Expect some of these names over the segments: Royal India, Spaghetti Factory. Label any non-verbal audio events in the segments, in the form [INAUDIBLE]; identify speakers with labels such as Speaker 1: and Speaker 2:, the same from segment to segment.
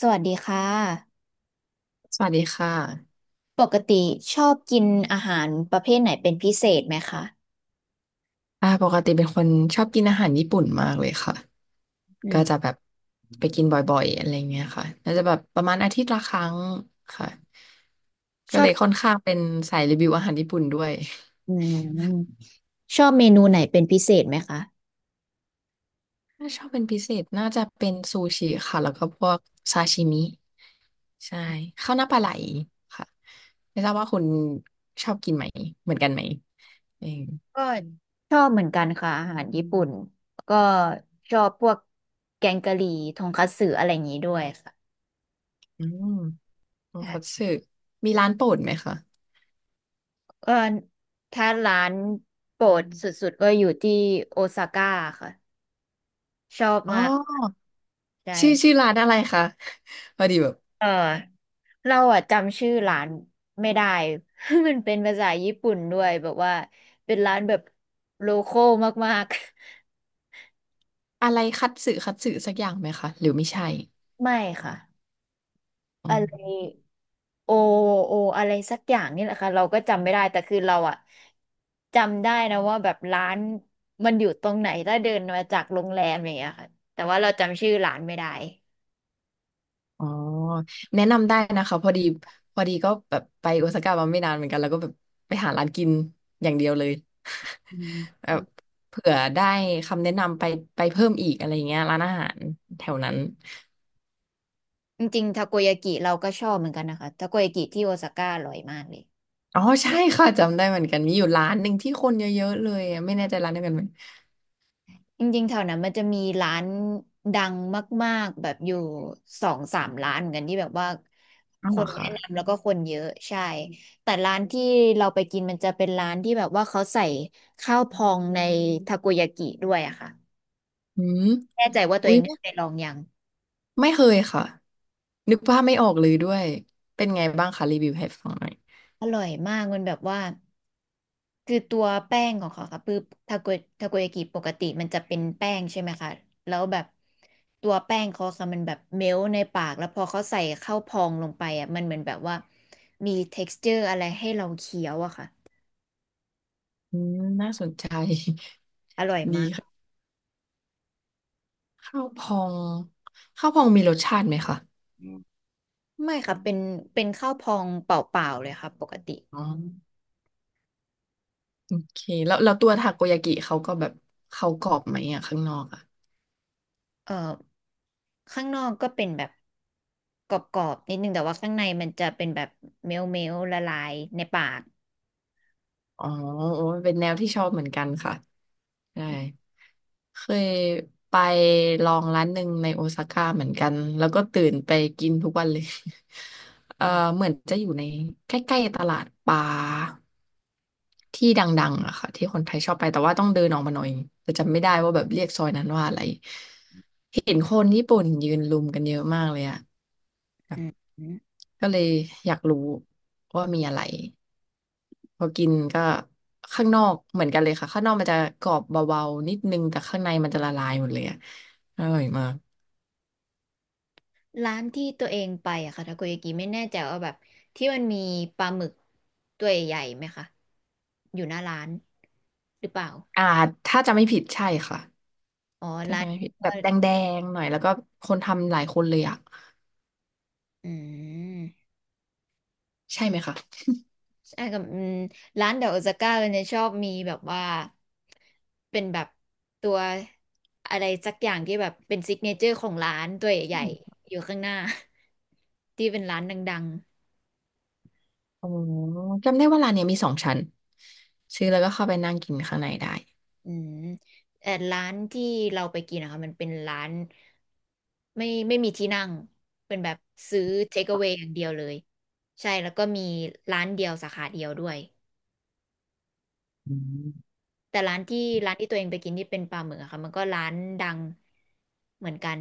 Speaker 1: สวัสดีค่ะ
Speaker 2: สวัสดีค่ะ
Speaker 1: ปกติชอบกินอาหารประเภทไหนเป็นพิเศษไหมคะ
Speaker 2: ปกติเป็นคนชอบกินอาหารญี่ปุ่นมากเลยค่ะ
Speaker 1: อื
Speaker 2: ก็
Speaker 1: ม
Speaker 2: จะแบบไปกินบ่อยๆอะไรเงี้ยค่ะน่าจะแบบประมาณอาทิตย์ละครั้งค่ะ
Speaker 1: ช
Speaker 2: ก็
Speaker 1: อ
Speaker 2: เล
Speaker 1: บ
Speaker 2: ยค่อนข้างเป็นสายรีวิวอาหารญี่ปุ่นด้วย
Speaker 1: อืมชอบเมนูไหนเป็นพิเศษไหมคะ
Speaker 2: ถ้าชอบเป็นพิเศษน่าจะเป็นซูชิค่ะแล้วก็พวกซาชิมิ ใช่ข้าวหน้าปลาไหลค่ะไม่ทราบว่าคุณชอบกินไหมเหมือนกันไหมเอง
Speaker 1: ก็ชอบเหมือนกันค่ะอาหารญี่ปุ่นก็ชอบพวกแกงกะหรี่ทงคัตสึอะไรอย่างนี้ด้วยค่ะ
Speaker 2: ออืมโทคัตสึมีร้านโปรดไหมคะ
Speaker 1: เออถ้าร้านโปรดสุดๆก็อยู่ที่โอซาก้าค่ะชอบ
Speaker 2: อ๋
Speaker 1: มาก
Speaker 2: อ
Speaker 1: ใช
Speaker 2: ชื่อ
Speaker 1: ่
Speaker 2: ร้านอะไรคะพอดีแบบ
Speaker 1: เออเราอะจำชื่อร้านไม่ได้ [LAUGHS] มันเป็นภาษาญี่ปุ่นด้วยแบบว่าเป็นร้านแบบโลคอลมากๆ
Speaker 2: อะไรคัตสึคัตสึสักอย่างไหมคะหรือไม่ใช่
Speaker 1: [LAUGHS] ไม่ค่ะ
Speaker 2: อื
Speaker 1: อะไร
Speaker 2: ม
Speaker 1: โอโออะไรสักอย่างนี่แหละค่ะเราก็จำไม่ได้แต่คือเราอะจำได้นะว่าแบบร้านมันอยู่ตรงไหนถ้าเดินมาจากโรงแรมอย่างเงี้ยค่ะแต่ว่าเราจำชื่อร้านไม่ได้
Speaker 2: อ๋อแนะนำได้นะคะพอดีก็แบบไปโอซาก้ามาไม่นานเหมือนกันแล้วก็แบบไปหาร้านกินอย่างเดียวเลย
Speaker 1: อื
Speaker 2: แบ
Speaker 1: ม
Speaker 2: บเผื่อได้คำแนะนำไปไปเพิ่มอีกอะไรอย่างเงี้ยร้านอาหารแถวนั้น
Speaker 1: จริงๆทาโกยากิเราก็ชอบเหมือนกันนะคะทาโกยากิที่โอซาก้าอร่อยมากเลย
Speaker 2: อ๋อใช่ค่ะจำได้เหมือนกันมีอยู่ร้านหนึ่งที่คนเยอะๆเลยอะไม่แน่ใจร้านเดียวกันไหม
Speaker 1: จริงๆแถวนั้นมันจะมีร้านดังมากๆแบบอยู่สองสามร้านเหมือนกันที่แบบว่า
Speaker 2: อ้าว
Speaker 1: ค
Speaker 2: เหรอ
Speaker 1: นแนะ
Speaker 2: คะ
Speaker 1: นำแล้วก็คนเยอะใช่ แต่ร้านที่เราไปกินมันจะเป็นร้านที่แบบว่าเขาใส่ข้าวพองในทาโกยากิด้วยอะค่ะ
Speaker 2: อืม
Speaker 1: แน่ใจว่าตัว
Speaker 2: อุ้
Speaker 1: เอ
Speaker 2: ย
Speaker 1: งได้ไปลองยัง
Speaker 2: ไม่เคยค่ะนึกภาพไม่ออกเลยด้วยเป็นไงบ้างคะรีวิวให้ฟังหน่อย
Speaker 1: อร่อยมากมันแบบว่า คือตัวแป้งของเขาค่ะคือทาโกยากิปกติมันจะเป็นแป้งใช่ไหมคะแล้วแบบตัวแป้งเขาค่ะมันแบบเมลในปากแล้วพอเขาใส่เข้าพองลงไปอ่ะมันเหมือนแบบว่ามี texture อะไรให้เราเคี้ยวอะค่ะ
Speaker 2: อืมน่าสนใจ
Speaker 1: อร่อย
Speaker 2: [LAUGHS] ดี
Speaker 1: มาก
Speaker 2: ค่ะข้าวพองข้าวพองมีรสชาติไหมคะ
Speaker 1: อืมไม่ค่ะเป็นเป็นข้าวพองเปล่าๆเลยค่ะปกติ
Speaker 2: อ๋อโอเคแล้วตัวทาโกยากิเขาก็แบบเขากรอบไหมอ่ะข้างนอกอะ
Speaker 1: เอ่อข้างนอกก็เป็นแบบกรอบๆนิดนึงแต่ว่าข้างในมันจะเป็นแบบเมลละลายในปาก
Speaker 2: อ๋อโอ้ยเป็นแนวที่ชอบเหมือนกันค่ะใช่เคยไปลองร้านหนึ่งในโอซาก้าเหมือนกันแล้วก็ตื่นไปกินทุกวันเลย [LAUGHS] เออ
Speaker 1: อืม
Speaker 2: เหมือนจะอยู่ในใกล้ๆตลาดปลาที่ดังๆอะค่ะที่คนไทยชอบไปแต่ว่าต้องเดินออกมาหน่อยแต่จำไม่ได้ว่าแบบเรียกซอยนั้นว่าอะไรเห็นคนญี่ปุ่นยืนลุมกันเยอะมากเลยอะ
Speaker 1: อืม
Speaker 2: ก็เลยอยากรู้ว่ามีอะไร พอกินก็ข้างนอกเหมือนกันเลยค่ะข้างนอกมันจะกรอบเบาๆนิดนึงแต่ข้างในมันจะละลายหมดเลยอะอร่อยมาก
Speaker 1: ร้านที่ตัวเองไปอะค่ะทาโกยากิไม่แน่ใจว่าแบบที่มันมีปลาหมึกตัวใหญ่ไหมคะอยู่หน้าร้านหรือเปล่า
Speaker 2: อ่าถ้าจะไม่ผิดใช่ค่ะ
Speaker 1: อ๋อ
Speaker 2: ถ้า
Speaker 1: ร้า
Speaker 2: จะ
Speaker 1: น
Speaker 2: ไม่
Speaker 1: นี้
Speaker 2: ผิด
Speaker 1: ก็
Speaker 2: แบบแดงๆหน่อยแล้วก็คนทำหลายคนเลยอะ
Speaker 1: อืม
Speaker 2: ใช่ไหมคะ
Speaker 1: ใช่กับอืมร้านเดอะโอซาก้าเนี่ยชอบมีแบบว่าเป็นแบบตัวอะไรสักอย่างที่แบบเป็นซิกเนเจอร์ของร้านตัวใหญ่ๆอยู่ข้างหน้า [LAUGHS] ที่เป็นร้านดังๆ
Speaker 2: อ๋อจำได้ว่าร้านเนี้ยมีสองชั้นซื้อแล้วก็เข้าไปนั่งกินข้างในได้
Speaker 1: อืมแต่ร้านที่เราไปกินนะคะมันเป็นร้านไม่มีที่นั่งเป็นแบบซื้อ take away อย่างเดียวเลยใช่แล้วก็มีร้านเดียวสาขาเดียวด้วย
Speaker 2: อืม
Speaker 1: แต่ร้านที่ตัวเองไปกินที่เป็นปลาหมึกอะค่ะมันก็ร้านดังเหมือนกัน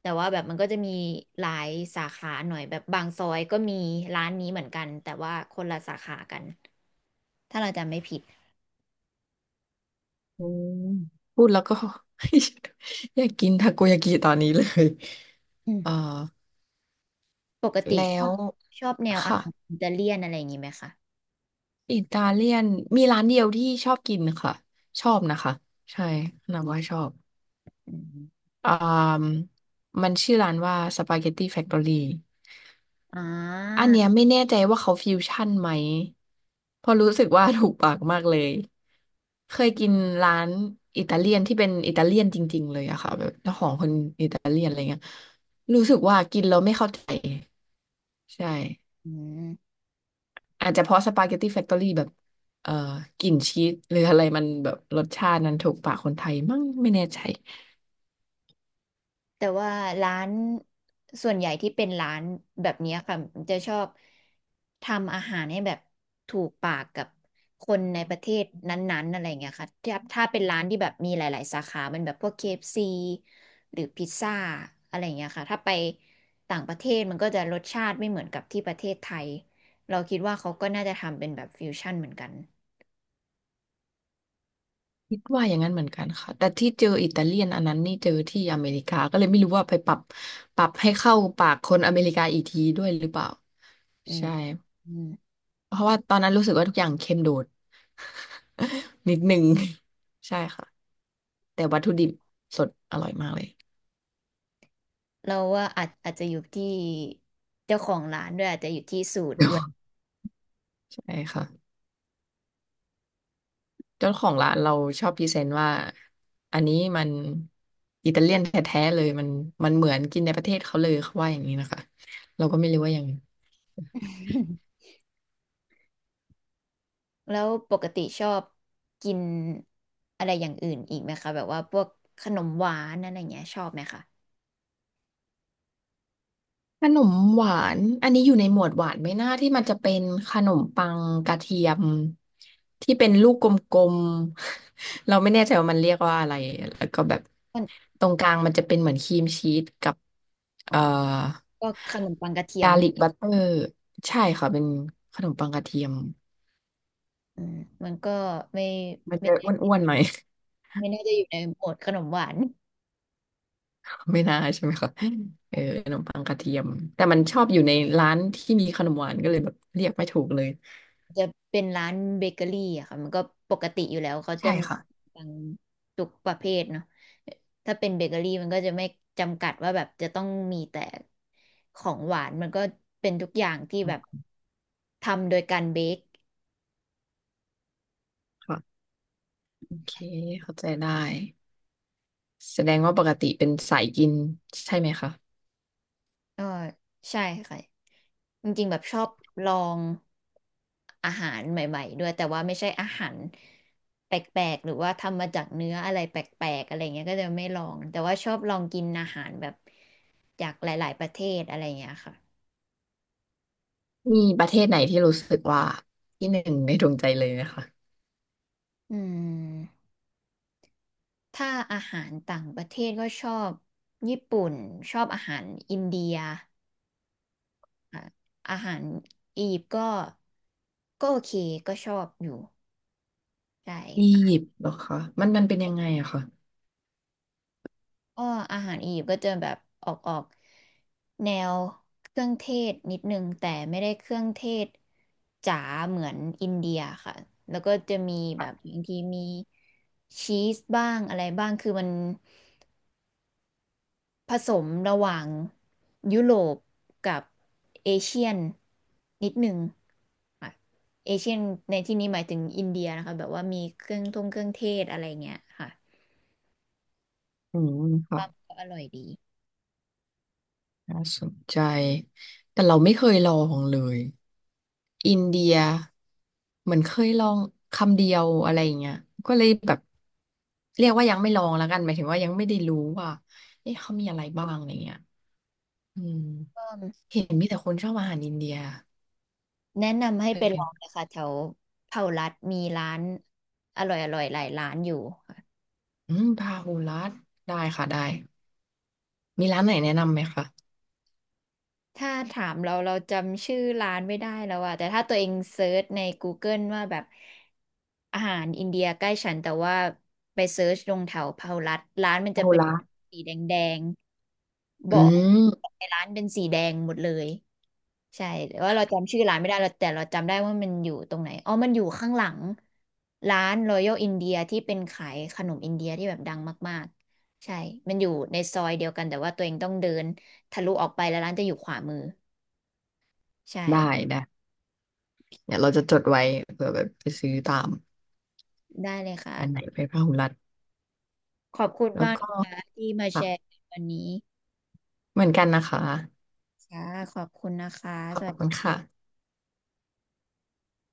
Speaker 1: แต่ว่าแบบมันก็จะมีหลายสาขาหน่อยแบบบางซอยก็มีร้านนี้เหมือนกันแต่ว่าคนละสาขากันถ้าเราจำไม่ผิด
Speaker 2: อืมพูดแล้วก็ [LAUGHS] อยากกินทาโกยากิตอนนี้เลย
Speaker 1: อืม
Speaker 2: [LAUGHS] เออ
Speaker 1: ปกติ
Speaker 2: แล้
Speaker 1: ชอ
Speaker 2: ว
Speaker 1: บชอบแนวอา
Speaker 2: ค่ะ
Speaker 1: หารอิตาเลียนอะไรอย่างนี้ไหมคะ
Speaker 2: อิตาเลียนมีร้านเดียวที่ชอบกินค่ะชอบนะคะใช่นับว่าชอบ
Speaker 1: อืม
Speaker 2: อ่ามมันชื่อร้านว่าสปาเกตตี้แฟคทอรี่
Speaker 1: อ่า
Speaker 2: อันเนี้ยไม่แน่ใจว่าเขาฟิวชั่นไหมเพราะรู้สึกว่าถูกปากมากเลยเคยกินร้านอิตาเลียนที่เป็นอิตาเลียนจริงๆเลยอะค่ะแบบเจ้าของคนอิตาเลียนอะไรเงี้ยรู้สึกว่ากินแล้วไม่เข้าใจใช่
Speaker 1: อืม
Speaker 2: อาจจะเพราะสปาเกตตี้แฟคทอรี่แบบเอ่อกลิ่นชีสหรืออะไรมันแบบรสชาตินั้นถูกปากคนไทยมั้งไม่แน่ใจ
Speaker 1: แต่ว่าร้านส่วนใหญ่ที่เป็นร้านแบบเนี้ยค่ะมันจะชอบทำอาหารให้แบบถูกปากกับคนในประเทศนั้นๆอะไรเงี้ยค่ะถ้าเป็นร้านที่แบบมีหลายๆสาขามันแบบพวก k ซ c หรือพิซซ่าอะไรเงี้ยค่ะถ้าไปต่างประเทศมันก็จะรสชาติไม่เหมือนกับที่ประเทศไทยเราคิดว่าเขาก็น่าจะทำเป็นแบบฟิวชั่นเหมือนกัน
Speaker 2: คิดว่าอย่างนั้นเหมือนกันค่ะแต่ที่เจออิตาเลียนอันนั้นนี่เจอที่อเมริกาก็เลยไม่รู้ว่าไปปรับปรับให้เข้าปากคนอเมริกาอีกทีด้วยหรือเปล่า
Speaker 1: อืม
Speaker 2: ใช่
Speaker 1: อืม
Speaker 2: เพราะว่าตอนนั้นรู้สึกว่าทุกอย่างเค็มโดด [LAUGHS] นิดนึง [LAUGHS] ใช่ค่ะแต่วัตถุดิบสดอร่อยมากเลย
Speaker 1: เราว่าอาจจะอยู่ที่เจ้าของร้านด้วยอาจจะอยู่ที่สูตรด้วย
Speaker 2: [LAUGHS] ใช่ค่ะ เจ้าของร้านเราชอบพรีเซนต์ว่าอันนี้มันอิตาเลียนแท้ๆเลยมันมันเหมือนกินในประเทศเขาเลยเขาว่าอย่างนี้นะคะเราก็ไม่รู้ว่ายังไง
Speaker 1: [LAUGHS] แล้วปกติชอบกินอะไรอย่างอื่นอีกไหมคะแบบว่าพวกขนมหวานอะไรอย่างเงี้ยชอบไหมคะ
Speaker 2: ขนมหวานอันนี้อยู่ในหมวดหวานไหมนะที่มันจะเป็นขนมปังกระเทียมที่เป็นลูกกลมๆ [LAUGHS] เราไม่แน่ใจว่ามันเรียกว่าอะไรแล้วก็แบบ
Speaker 1: มัน
Speaker 2: ตรงกลางมันจะเป็นเหมือนครีมชีสกับ
Speaker 1: อ๋อ
Speaker 2: เอ่อ
Speaker 1: พวกขนมปังกระเทีย
Speaker 2: กา
Speaker 1: ม
Speaker 2: ลิกบัตเตอร์ใช่ค่ะเป็นขนมปังกระเทียม
Speaker 1: อืมมันก็ไม่
Speaker 2: มัน
Speaker 1: ไม่
Speaker 2: จะอ้วนๆหน่อย
Speaker 1: ไม่น่าจะอยู่ในหมวดขนมหวาน
Speaker 2: [LAUGHS] ไม่น่าใช่ไหมคะเออขนมปังกระเทียมแต่มันชอบอยู่ในร้านที่มีขนมหวานก็เลยแบบเรียกไม่ถูกเลย
Speaker 1: จะเป็นร้านเบเกอรี่อะค่ะมันก็ปกติอยู่แล้วเขาจะ
Speaker 2: ใช่
Speaker 1: มี
Speaker 2: ค่ะ
Speaker 1: บางทุกประเภทเนาะถ้าเป็นเบเกอรี่มันก็จะไม่จำกัดว่าแบบจะต้องมีแต่ของหวานมันก็เป็นทุกอย่างที่
Speaker 2: อ๋
Speaker 1: แบบ
Speaker 2: อ
Speaker 1: ทำโดยการเบค
Speaker 2: ค่ะโอเคเข้าใจได้แสดงว่าปกติเป็นสายกินใช่ไหมคะ
Speaker 1: ก็ใช่ค่ะจริงๆแบบชอบลองอาหารใหม่ๆด้วยแต่ว่าไม่ใช่อาหารแปลกๆหรือว่าทำมาจากเนื้ออะไรแปลกๆอะไรเงี้ยก็จะไม่ลองแต่ว่าชอบลองกินอาหารแบบ จากหลายๆประเทศอะไรอย่างเงี้ยค่ะ
Speaker 2: มีประเทศไหนที่รู้สึกว่าที่หนึ่งในดวงใจเลยไหมคะ
Speaker 1: อืมถ้าอาหารต่างประเทศก็ชอบญี่ปุ่นชอบอาหารอินเดียค่ะอาหารอียิปต์ก็ก็โอเคก็ชอบอยู่ใช
Speaker 2: อี
Speaker 1: ่
Speaker 2: ยิปต์เหรอคะมันเป็นยังไงอะคะ
Speaker 1: ก็อาหารอียิปต์ก็จะแบบออกแนวเครื่องเทศนิดนึงแต่ไม่ได้เครื่องเทศจ๋าเหมือนอินเดียค่ะแล้วก็จะมีแบบบางทีมีชีสบ้างอะไรบ้างคือมัน ผสมระหว่างยุโรปกับเอเชียนนิดหนึ่งค่ะเอเชียนในที่นี้หมายถึงอินเดียนะคะแบบว่ามีเครื่องเทศอะไรเงี้ยค่ะ
Speaker 2: อืมค่ะ
Speaker 1: ว่ามันก็อร่อยดี
Speaker 2: น่าสนใจแต่เราไม่เคยลองเลย อินเดียเหมือนเคยลองคำเดียวอะไรอย่างเงี้ยก็เลยแบบเรียกว่ายังไม่ลองแล้วกันหมายถึงว่ายังไม่ได้รู้ว่าเอ๊ะเขามีอะไรบ้างอะไรเงี้ยอืมเห็นมีแต่คนชอบอาหารอินเดีย
Speaker 1: แนะนำให้
Speaker 2: แส
Speaker 1: ไป
Speaker 2: ด
Speaker 1: ล
Speaker 2: ง
Speaker 1: องนะคะแถวเผารัดมีร้านอร่อยหลายร้านอยู่
Speaker 2: อืมพาหุรัตได้ค่ะได้มีร้านไหนแนะนำไหมคะ
Speaker 1: ถ้าถามเราเราจำชื่อร้านไม่ได้แล้วอะแต่ถ้าตัวเองเซิร์ชใน Google ว่าแบบอาหารอินเดียใกล้ฉันแต่ว่าไปเซิร์ชลงแถวพหลรัฐร้านมัน
Speaker 2: พา
Speaker 1: จะ
Speaker 2: หุ
Speaker 1: เป็น
Speaker 2: รัต
Speaker 1: สีแดงๆบ
Speaker 2: อื
Speaker 1: อก
Speaker 2: ม
Speaker 1: ในร้านเป็นสีแดงหมดเลยใช่แต่ว่าเราจำชื่อร้านไม่ได้เราแต่เราจำได้ว่ามันอยู่ตรงไหนอ๋อมันอยู่ข้างหลังร้าน Royal India ที่เป็นขายขนมอินเดียที่แบบดังมากๆใช่มันอยู่ในซอยเดียวกันแต่ว่าตัวเองต้องเดินทะลุออกไปแล้วร้านจะอยู่ขวามือ ใช่
Speaker 2: ได้ได้เดี๋ยวเราจะจดไว้เผื่อแบบไปซื้อตาม
Speaker 1: ได้เลยค่ะ
Speaker 2: อันไหนไปพาหุรัต
Speaker 1: ขอบคุณ
Speaker 2: แล้ว
Speaker 1: มาก
Speaker 2: ก็
Speaker 1: นะคะที่มาแช
Speaker 2: ค่ะ
Speaker 1: ร์วันนี้
Speaker 2: เหมือนกันนะคะ
Speaker 1: ค่ะขอบคุณนะคะ
Speaker 2: ขอ
Speaker 1: ส
Speaker 2: บ
Speaker 1: วัส
Speaker 2: คุณ
Speaker 1: ดี
Speaker 2: ค่ะ